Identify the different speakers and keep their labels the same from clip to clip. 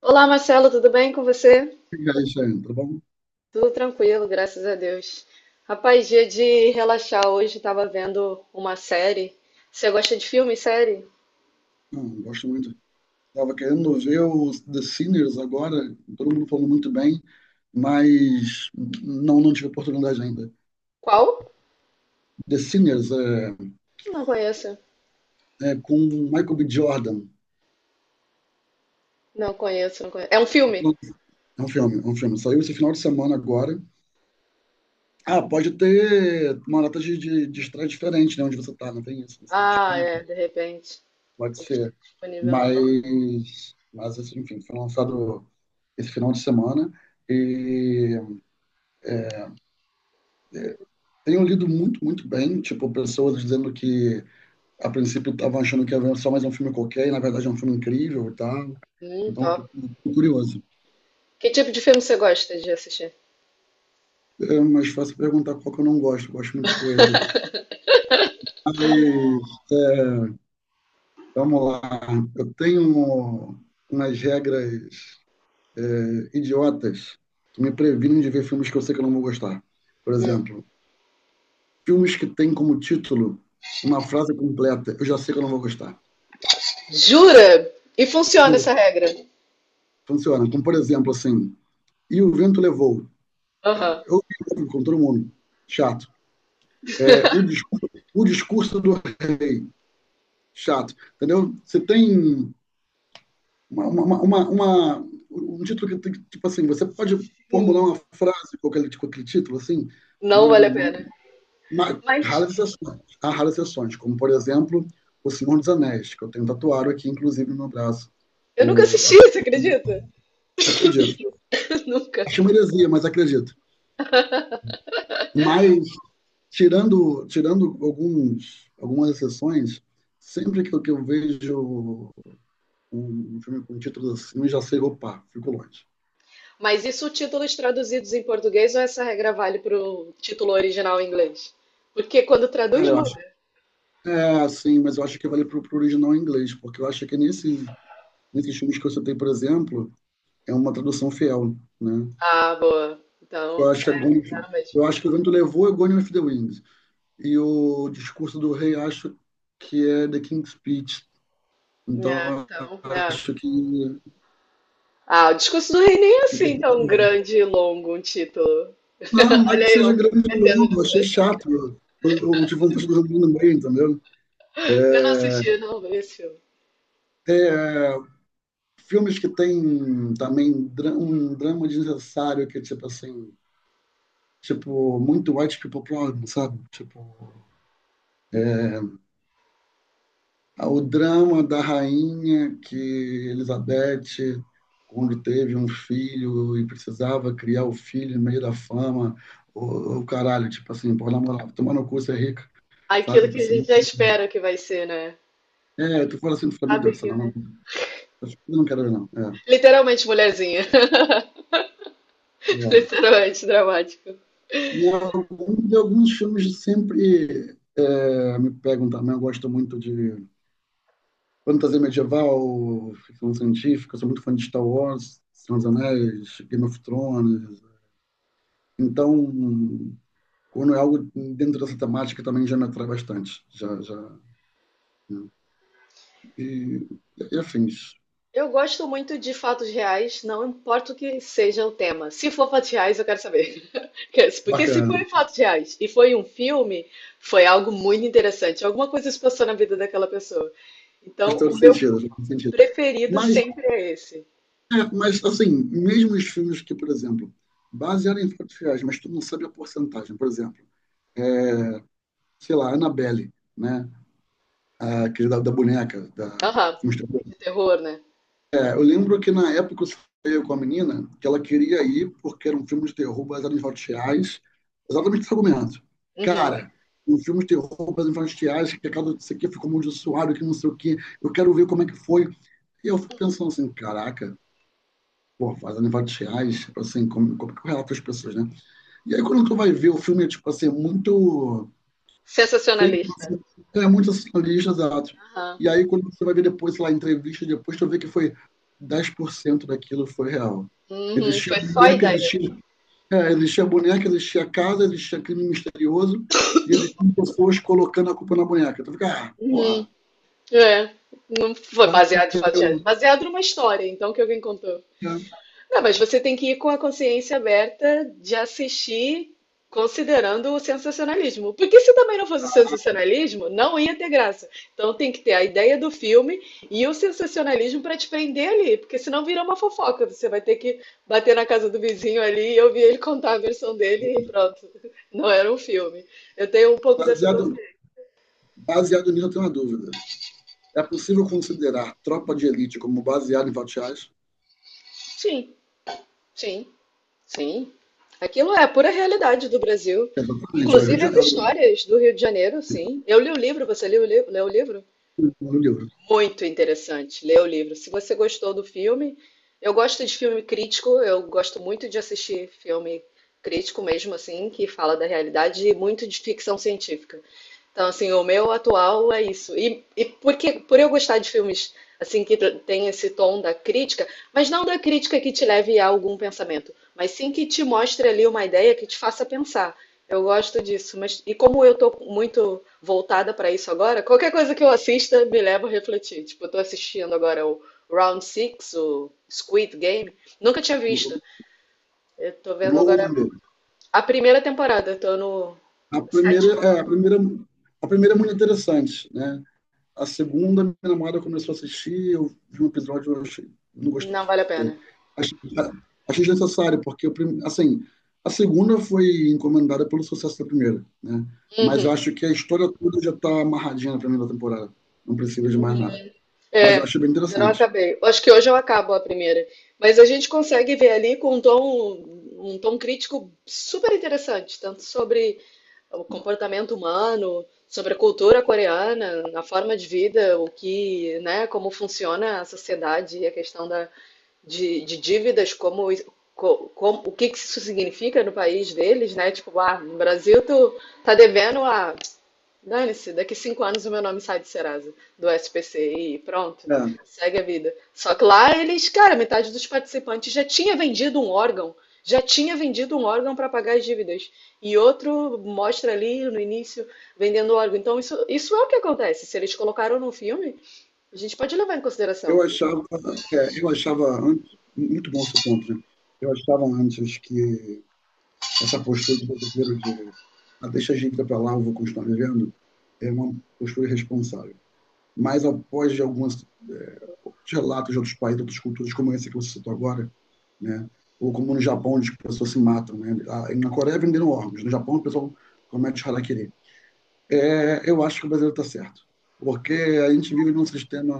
Speaker 1: Olá, Marcelo, tudo bem com você?
Speaker 2: E aí, Sam, bom?
Speaker 1: Tudo tranquilo, graças a Deus. Rapaz, dia de relaxar hoje, tava vendo uma série. Você gosta de filme, série?
Speaker 2: Não, gosto muito. Tava querendo ver o The Sinners agora, todo mundo falando muito bem, mas não tive oportunidade ainda.
Speaker 1: Qual?
Speaker 2: The Sinners é,
Speaker 1: Não conheço.
Speaker 2: é com Michael B. Jordan.
Speaker 1: Não conheço, não conheço. É um filme?
Speaker 2: É um filme, é um filme. Saiu esse final de semana agora. Ah, pode ter uma data de estreia diferente, né? Onde você tá, não tem isso. Você tá na
Speaker 1: Ah,
Speaker 2: Espanha,
Speaker 1: é, de repente.
Speaker 2: pode
Speaker 1: Tem que ficar
Speaker 2: ser.
Speaker 1: disponível no não.
Speaker 2: Mas assim, enfim, foi lançado esse final de semana. E tenho lido muito, muito bem, tipo, pessoas dizendo que a princípio estavam achando que era só mais um filme qualquer, e na verdade é um filme incrível e tal. Então, tô,
Speaker 1: Top.
Speaker 2: tô curioso.
Speaker 1: Que tipo de filme você gosta de assistir?
Speaker 2: É mais fácil perguntar qual que eu não gosto, gosto de muita coisa. Mas, vamos lá. Eu tenho umas regras idiotas que me previnem de ver filmes que eu sei que eu não vou gostar. Por
Speaker 1: Hum.
Speaker 2: exemplo, filmes que têm como título uma frase completa, eu já sei que eu não vou gostar.
Speaker 1: Jura? E funciona essa
Speaker 2: Juro,
Speaker 1: regra?
Speaker 2: funciona. Como por exemplo, assim, E o Vento Levou,
Speaker 1: Aham.
Speaker 2: eu brigo com todo mundo. Chato. É, o discurso do rei. Chato. Entendeu? Você tem uma um título que, tipo assim, você pode formular
Speaker 1: Hum.
Speaker 2: uma frase com aquele título, assim,
Speaker 1: Não
Speaker 2: não,
Speaker 1: vale a
Speaker 2: não,
Speaker 1: pena.
Speaker 2: mas
Speaker 1: Mas
Speaker 2: raras exceções. Há raras exceções, como, por exemplo, O Senhor dos Anéis, que eu tenho tatuado aqui, inclusive, no meu braço.
Speaker 1: eu nunca
Speaker 2: O,
Speaker 1: assisti, você acredita?
Speaker 2: acredito.
Speaker 1: Nunca.
Speaker 2: Acho uma heresia, mas acredito. Mas tirando algumas exceções, sempre que eu vejo um filme com títulos assim, eu já sei, opa, fico longe.
Speaker 1: Mas isso títulos traduzidos em português ou essa regra vale para o título original em inglês? Porque quando traduz
Speaker 2: Cara, eu acho.
Speaker 1: muda.
Speaker 2: É, sim, mas eu acho que vale pro original em inglês, porque eu acho que nesses filmes que eu citei, por exemplo, é uma tradução fiel, né?
Speaker 1: Ah, boa.
Speaker 2: Eu
Speaker 1: Então,
Speaker 2: acho que é
Speaker 1: é,
Speaker 2: Gone,
Speaker 1: não, mas.
Speaker 2: eu acho que o vento levou é Gone with the Wind. E o discurso do rei, acho que é The King's Speech.
Speaker 1: É,
Speaker 2: Então, eu
Speaker 1: então, é.
Speaker 2: acho que,
Speaker 1: Ah, o discurso do rei nem é
Speaker 2: que, que
Speaker 1: assim tão grande e longo um título.
Speaker 2: Não, não é que
Speaker 1: Olha
Speaker 2: seja
Speaker 1: eu, me
Speaker 2: grande,
Speaker 1: metendo
Speaker 2: não. Eu
Speaker 1: nisso
Speaker 2: achei
Speaker 1: aí.
Speaker 2: chato. Eu O de Fantástico no meio, entendeu?
Speaker 1: Eu não assisti, não, vi esse filme.
Speaker 2: É, filmes que tem também um drama desnecessário, que é tipo assim, tipo, muito white people problem, sabe? Tipo, o drama da rainha que Elizabeth, quando teve um filho e precisava criar o filho no meio da fama, o caralho, tipo assim, pô, na moral, tomar no cu, você é rica,
Speaker 1: Aquilo
Speaker 2: sabe?
Speaker 1: que a
Speaker 2: Você,
Speaker 1: gente já espera que vai ser, né?
Speaker 2: tu fala assim, tu fala,
Speaker 1: A
Speaker 2: meu Deus, sei
Speaker 1: que,
Speaker 2: lá, não.
Speaker 1: né?
Speaker 2: Eu não quero ver, não. É,
Speaker 1: Literalmente mulherzinha.
Speaker 2: é.
Speaker 1: Literalmente dramático.
Speaker 2: E de alguns filmes sempre me pegam também. Eu gosto muito de fantasia medieval, ficção científica. Eu sou muito fã de Star Wars, Senhor dos Anéis, Game of Thrones. Então, quando é algo dentro dessa temática, também já me atrai bastante. Já, já, né? E, e afins.
Speaker 1: Eu gosto muito de fatos reais, não importa o que seja o tema. Se for fatos reais, eu quero saber. Porque se
Speaker 2: Bacana.
Speaker 1: foi fatos reais e foi um filme, foi algo muito interessante. Alguma coisa se passou na vida daquela pessoa.
Speaker 2: Faz
Speaker 1: Então,
Speaker 2: todo
Speaker 1: o meu
Speaker 2: sentido, faz todo sentido.
Speaker 1: preferido
Speaker 2: Mas
Speaker 1: sempre é esse.
Speaker 2: mas assim, mesmo os filmes que, por exemplo, basearam em fatos reais, mas tu não sabe a porcentagem, por exemplo, é, sei lá, Annabelle, né? Aquele da boneca, da.
Speaker 1: Aham. De terror, né?
Speaker 2: É, eu lembro que na época eu falei com a menina que ela queria ir porque era um filme de terror baseado em fatos reais, exatamente esse argumento.
Speaker 1: Uhum.
Speaker 2: Cara, um filme de terror baseado em fatos reais, que a casa disso aqui ficou amaldiçoado, que não sei o quê, eu quero ver como é que foi. E eu fico pensando assim, caraca, pô, baseado em fatos reais, assim, como é que eu relato as pessoas, né? E aí, quando tu vai ver o filme, é tipo assim, é muito feito,
Speaker 1: Sensacionalista.
Speaker 2: então é muito assim, exato.
Speaker 1: Aham.
Speaker 2: E aí, quando você vai ver depois, sei lá, entrevista, depois tu vê que foi 10% daquilo foi real.
Speaker 1: Uhum.
Speaker 2: Existia
Speaker 1: Foi só a
Speaker 2: boneca,
Speaker 1: ideia.
Speaker 2: existia boneca, existia casa, existia crime misterioso, e existiam pessoas colocando a culpa na boneca. Tu fica, ah, porra,
Speaker 1: Uhum. É. Foi baseado em fatos reais.
Speaker 2: valeu,
Speaker 1: Baseado numa história, então, que alguém contou.
Speaker 2: né?
Speaker 1: Não, mas você tem que ir com a consciência aberta de assistir considerando o sensacionalismo. Porque se também não fosse o sensacionalismo, não ia ter graça. Então tem que ter a ideia do filme e o sensacionalismo para te prender ali, porque senão vira uma fofoca. Você vai ter que bater na casa do vizinho ali e ouvir ele contar a versão dele e pronto. Não era um filme. Eu tenho um pouco dessa
Speaker 2: Baseado,
Speaker 1: consciência.
Speaker 2: baseado nisso, eu tenho uma dúvida. É possível considerar Tropa de Elite como baseado em fatos reais?
Speaker 1: Sim, sim. Sim, aquilo é a pura realidade do Brasil.
Speaker 2: Exatamente. É o Rio
Speaker 1: Inclusive
Speaker 2: de
Speaker 1: as
Speaker 2: Janeiro.
Speaker 1: histórias do Rio de Janeiro, sim. Eu li o livro, você leu o livro?
Speaker 2: No livro.
Speaker 1: Muito interessante, leu o livro. Se você gostou do filme, eu gosto de filme crítico, eu gosto muito de assistir filme crítico mesmo, assim, que fala da realidade e muito de ficção científica. Então, assim, o meu atual é isso. E porque, por eu gostar de filmes assim que tem esse tom da crítica, mas não da crítica que te leve a algum pensamento, mas sim que te mostre ali uma ideia que te faça pensar. Eu gosto disso, mas e como eu tô muito voltada para isso agora, qualquer coisa que eu assista me leva a refletir. Tipo, eu tô assistindo agora o Round Six, o Squid Game, nunca tinha visto.
Speaker 2: O
Speaker 1: Eu tô
Speaker 2: o
Speaker 1: vendo
Speaker 2: novo ou o
Speaker 1: agora
Speaker 2: primeiro?
Speaker 1: a primeira temporada, tô no
Speaker 2: A primeira,
Speaker 1: sétimo.
Speaker 2: é, a primeira, a primeira é muito interessante, né? A segunda, minha namorada começou a assistir, eu vi um episódio, eu achei, não gostei.
Speaker 1: Não vale a pena.
Speaker 2: Achei, achei desnecessário, porque, assim, a segunda foi encomendada pelo sucesso da primeira, né? Mas
Speaker 1: Uhum.
Speaker 2: eu acho que a história toda já está amarradinha na primeira temporada. Não precisa de mais nada. Mas eu
Speaker 1: É,
Speaker 2: achei bem
Speaker 1: ainda não
Speaker 2: interessante.
Speaker 1: acabei. Acho que hoje eu acabo a primeira. Mas a gente consegue ver ali com um tom crítico super interessante, tanto sobre o comportamento humano, sobre a cultura coreana, a forma de vida, o que, né, como funciona a sociedade e a questão de dívidas, como, o que que isso significa no país deles, né? Tipo, ah, no Brasil tu tá devendo dane-se, daqui 5 anos o meu nome sai do Serasa, do SPC e pronto,
Speaker 2: É.
Speaker 1: segue a vida. Só que lá eles, cara, metade dos participantes já tinha vendido um órgão, já tinha vendido um órgão para pagar as dívidas. E outro mostra ali no início vendendo órgão. Então isso é o que acontece. Se eles colocaram no filme, a gente pode levar em
Speaker 2: Eu
Speaker 1: consideração.
Speaker 2: achava, eu achava antes, muito bom seu ponto, né? Eu achava antes que essa postura do brasileiro de ah, deixa a gente ir para lá, eu vou continuar vivendo, é uma postura irresponsável. Mas após de alguns outros relatos de outros países, de outras culturas, como esse que você citou agora, né? Ou como no Japão, onde as pessoas se matam, né? Ah, na Coreia venderam órgãos, no Japão o pessoal comete harakiri. É, eu acho que o brasileiro está certo, porque a gente vive num sistema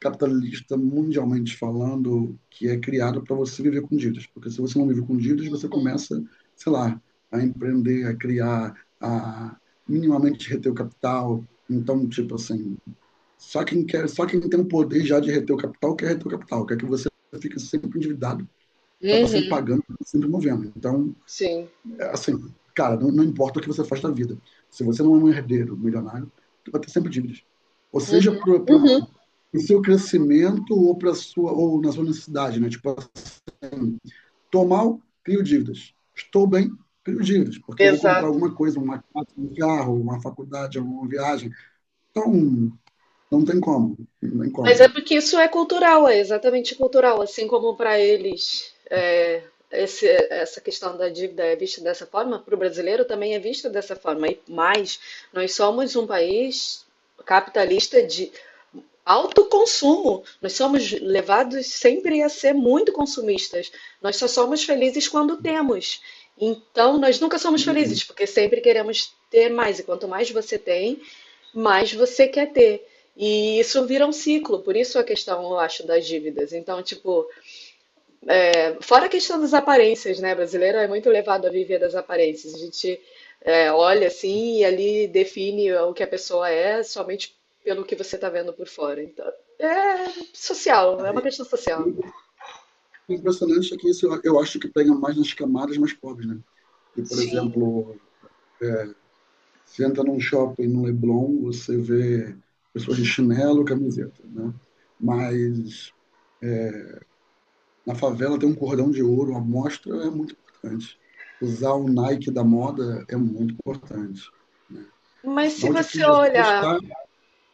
Speaker 2: capitalista, mundialmente falando, que é criado para você viver com dívidas. Porque se você não vive com dívidas, você começa, sei lá, a empreender, a criar, a minimamente reter o capital. Então, tipo assim, só quem quer, só quem tem o poder já de reter o capital quer reter o capital, quer que você fique sempre endividado para estar sempre
Speaker 1: Uhum,
Speaker 2: pagando, sempre movendo. Então,
Speaker 1: sim.
Speaker 2: assim, cara, não importa o que você faz da vida. Se você não é um herdeiro milionário, tu vai ter sempre dívidas. Ou seja,
Speaker 1: Uhum,
Speaker 2: pro, pro,
Speaker 1: uhum.
Speaker 2: pro seu crescimento ou para sua ou na sua necessidade, né? Tipo assim, tô mal, crio dívidas. Estou bem, crio dívidas, porque eu vou comprar
Speaker 1: Exato.
Speaker 2: alguma coisa, uma casa, um carro, uma faculdade, uma viagem. Então, não tem como, não tem
Speaker 1: Mas é
Speaker 2: como.
Speaker 1: porque isso é cultural, é exatamente cultural, assim como para eles é, essa questão da dívida é vista dessa forma, para o brasileiro também é vista dessa forma. E mais, nós somos um país capitalista de alto consumo. Nós somos levados sempre a ser muito consumistas. Nós só somos felizes quando temos. Então, nós nunca somos
Speaker 2: Hum,
Speaker 1: felizes, porque sempre queremos ter mais. E quanto mais você tem, mas você quer ter. E isso vira um ciclo, por isso a questão, eu acho, das dívidas. Então, tipo, é, fora a questão das aparências, né? Brasileiro é muito levado a viver das aparências. A gente é, olha assim e ali define o que a pessoa é somente pelo que você está vendo por fora. Então, é social, é uma
Speaker 2: aí,
Speaker 1: questão social.
Speaker 2: o impressionante é que isso eu acho que pega mais nas camadas mais pobres, né? Que, por
Speaker 1: Sim.
Speaker 2: exemplo, você entra num shopping no Leblon, você vê pessoas de chinelo, camiseta, né? Mas na favela tem um cordão de ouro, a mostra é muito importante. Usar o Nike da moda é muito importante, né? É
Speaker 1: Mas se
Speaker 2: sinal de que
Speaker 1: você
Speaker 2: você
Speaker 1: olhar
Speaker 2: está.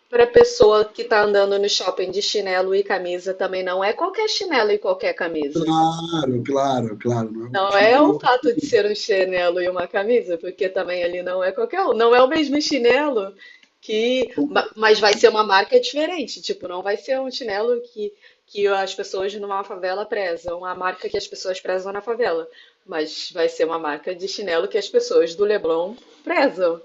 Speaker 1: para a pessoa que está andando no shopping de chinelo e camisa, também não é qualquer chinelo e qualquer camisa.
Speaker 2: Claro, claro, claro. Não é qualquer
Speaker 1: Não é
Speaker 2: chinelo, não é
Speaker 1: o
Speaker 2: qualquer.
Speaker 1: fato de ser um chinelo e uma camisa, porque também ali não é qualquer um. Não é o mesmo chinelo
Speaker 2: Concordo.
Speaker 1: mas vai ser uma marca diferente. Tipo, não vai ser um chinelo que as pessoas numa favela prezam, a marca que as pessoas prezam na favela. Mas vai ser uma marca de chinelo que as pessoas do Leblon prezam.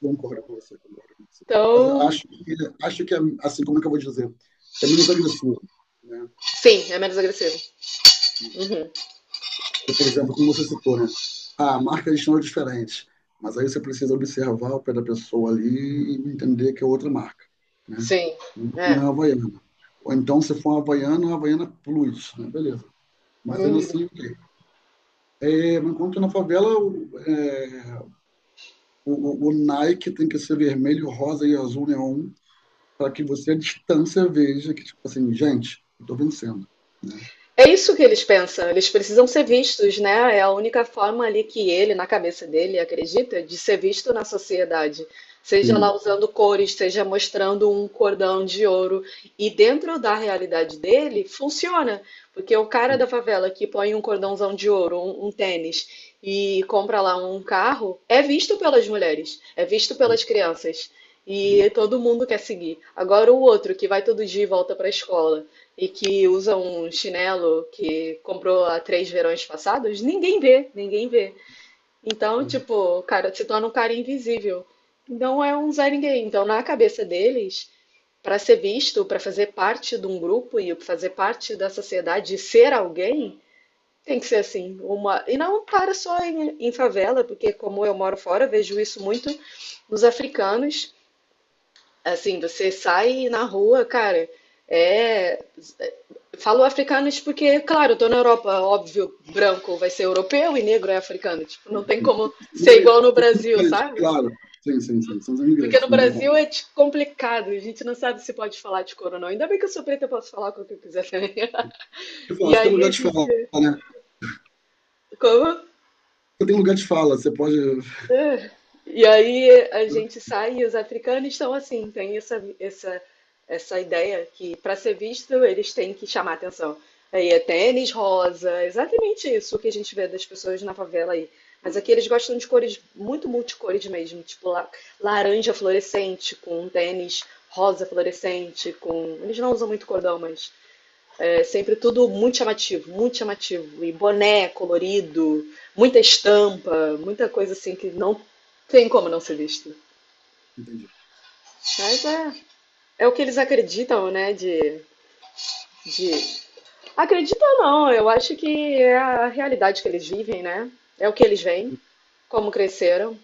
Speaker 2: Concordo com você, concordo com você. Mas eu
Speaker 1: Então,
Speaker 2: acho que, acho que é, assim, como é que eu vou dizer? É menos agressivo, né?
Speaker 1: sim, é menos agressivo. Uhum.
Speaker 2: Porque, por exemplo, como você citou, né? Ah, marcas são diferentes, mas aí você precisa observar o pé da pessoa ali e entender que é outra marca, né?
Speaker 1: Sim,
Speaker 2: Não é
Speaker 1: é.
Speaker 2: a Havaiana. Ou então, se for uma Havaiana Plus, né? Beleza. Mas ainda
Speaker 1: Uhum.
Speaker 2: assim, ok. É, enquanto na favela, o Nike tem que ser vermelho, rosa e azul neon, para que você à distância veja que, tipo assim, gente, eu tô vencendo, né?
Speaker 1: É isso que eles pensam, eles precisam ser vistos, né? É a única forma ali que ele, na cabeça dele, acredita, de ser visto na sociedade. Seja
Speaker 2: Sim,
Speaker 1: lá usando cores, seja mostrando um cordão de ouro. E dentro da realidade dele, funciona. Porque o cara da
Speaker 2: sim,
Speaker 1: favela que põe um cordãozão de ouro, um tênis, e compra lá um carro, é visto pelas mulheres, é visto pelas crianças.
Speaker 2: sim.
Speaker 1: E todo mundo quer seguir. Agora o outro que vai todo dia e volta para a escola e que usa um chinelo que comprou há 3 verões passados, ninguém vê, ninguém vê. Então, tipo, o cara se torna um cara invisível. Não é um Zé Ninguém. Então, na cabeça deles, para ser visto, para fazer parte de um grupo e fazer parte da sociedade, e ser alguém, tem que ser assim, uma. E não para só em favela, porque como eu moro fora, vejo isso muito nos africanos. Assim, você sai na rua, cara, é. Falo africano isso porque, claro, eu tô na Europa, óbvio, branco vai ser europeu e negro é africano. Tipo, não tem como
Speaker 2: São
Speaker 1: ser igual no
Speaker 2: são
Speaker 1: Brasil,
Speaker 2: imigrantes,
Speaker 1: sabe?
Speaker 2: claro. Sim, sim, sim. São os
Speaker 1: Porque
Speaker 2: imigrantes,
Speaker 1: no
Speaker 2: não tem como.
Speaker 1: Brasil é tipo, complicado, a gente não sabe se pode falar de cor ou não. Ainda bem que eu sou preta, eu posso falar com o que eu quiser também.
Speaker 2: Eu falo,
Speaker 1: E
Speaker 2: você tem
Speaker 1: aí a
Speaker 2: lugar de fala,
Speaker 1: gente.
Speaker 2: né?
Speaker 1: Como?
Speaker 2: Você tem lugar de fala, você pode.
Speaker 1: E aí a gente sai e os africanos estão assim, tem essa ideia que para ser visto eles têm que chamar atenção. Aí é tênis rosa, exatamente isso que a gente vê das pessoas na favela aí. Mas aqui eles gostam de cores muito multicores mesmo, tipo laranja fluorescente com tênis rosa fluorescente com, eles não usam muito cordão, mas é sempre tudo muito chamativo, muito chamativo. E boné colorido, muita estampa, muita coisa assim que não tem como não ser visto.
Speaker 2: Entendi.
Speaker 1: Mas é, é o que eles acreditam, né? De... Acredita ou não, eu acho que é a realidade que eles vivem, né? É o que eles veem, como cresceram,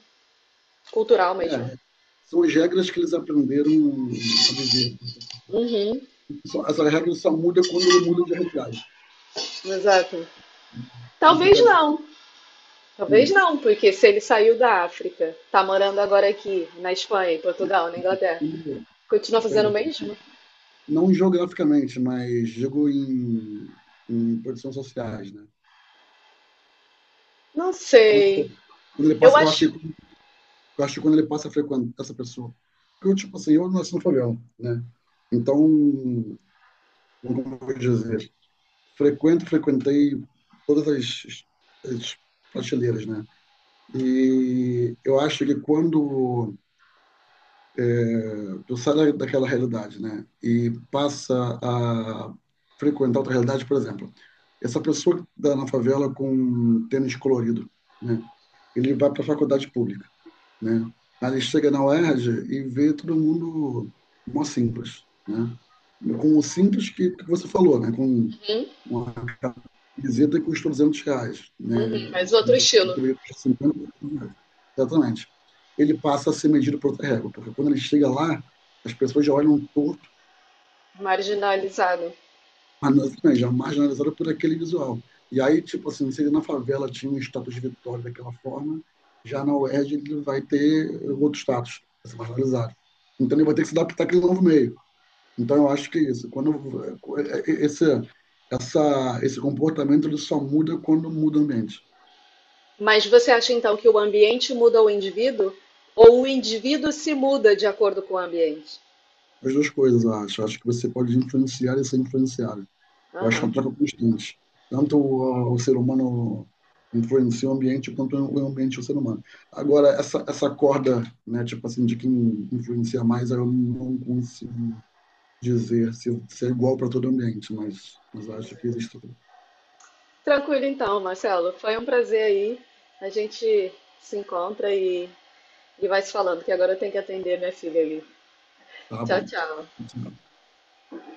Speaker 1: cultural mesmo.
Speaker 2: É, são as regras que eles aprenderam a viver com essa cidade.
Speaker 1: Uhum,
Speaker 2: Essa regra só muda quando ele muda de realidade.
Speaker 1: exato. Talvez
Speaker 2: Complicadinho.
Speaker 1: não, talvez
Speaker 2: Hum,
Speaker 1: não, porque se ele saiu da África, tá morando agora aqui, na Espanha, em Portugal, na Inglaterra, continua fazendo o
Speaker 2: Perdão.
Speaker 1: mesmo?
Speaker 2: Não geograficamente, mas digo em posições sociais, né?
Speaker 1: Não
Speaker 2: Quando,
Speaker 1: sei.
Speaker 2: quando ele
Speaker 1: Eu
Speaker 2: passa, eu achei.
Speaker 1: acho.
Speaker 2: Eu acho que quando ele passa a frequentar essa pessoa. Porque, eu, tipo assim, eu nasci no favela, né? Então, como eu vou dizer, frequentei todas as prateleiras, né? E eu acho que quando eu saio daquela realidade, né, e passa a frequentar outra realidade, por exemplo, essa pessoa que dá na favela com tênis colorido, né, ele vai para a faculdade pública, né? Aí ele chega na UERJ e R J e vê todo mundo mó simples, né? Com o simples que você falou, né? Com
Speaker 1: Uhum,
Speaker 2: uma camiseta que custa R$ 200,
Speaker 1: uhum,
Speaker 2: né?
Speaker 1: mas outro
Speaker 2: Camiseta que
Speaker 1: estilo,
Speaker 2: deveria custar R$ 50. Exatamente. Ele passa a ser medido por outra régua, porque quando ele chega lá, as pessoas já olham torto
Speaker 1: marginalizado.
Speaker 2: mas assim, já é marginalizada por aquele visual. E aí, tipo assim, se ele na favela tinha um status de vitória daquela forma, já na UERJ ele vai ter outro status, vai ser marginalizado. Então ele vai ter que se adaptar àquele novo meio. Então eu acho que é isso. Quando esse comportamento ele só muda quando muda o ambiente.
Speaker 1: Mas você acha então que o ambiente muda o indivíduo? Ou o indivíduo se muda de acordo com o ambiente?
Speaker 2: As duas coisas, eu acho. Eu acho que você pode influenciar e ser influenciado. Eu acho que
Speaker 1: Aham.
Speaker 2: é uma troca constante. Tanto o ser humano influencia o ambiente, quanto o ambiente o ser humano. Agora, essa corda, né, tipo assim, de quem influencia mais, eu não consigo dizer se é igual para todo ambiente, mas acho que existe.
Speaker 1: Tranquilo então, Marcelo. Foi um prazer aí. A gente se encontra e vai se falando, que agora eu tenho que atender minha filha ali.
Speaker 2: Tá
Speaker 1: Tchau,
Speaker 2: bom.
Speaker 1: tchau.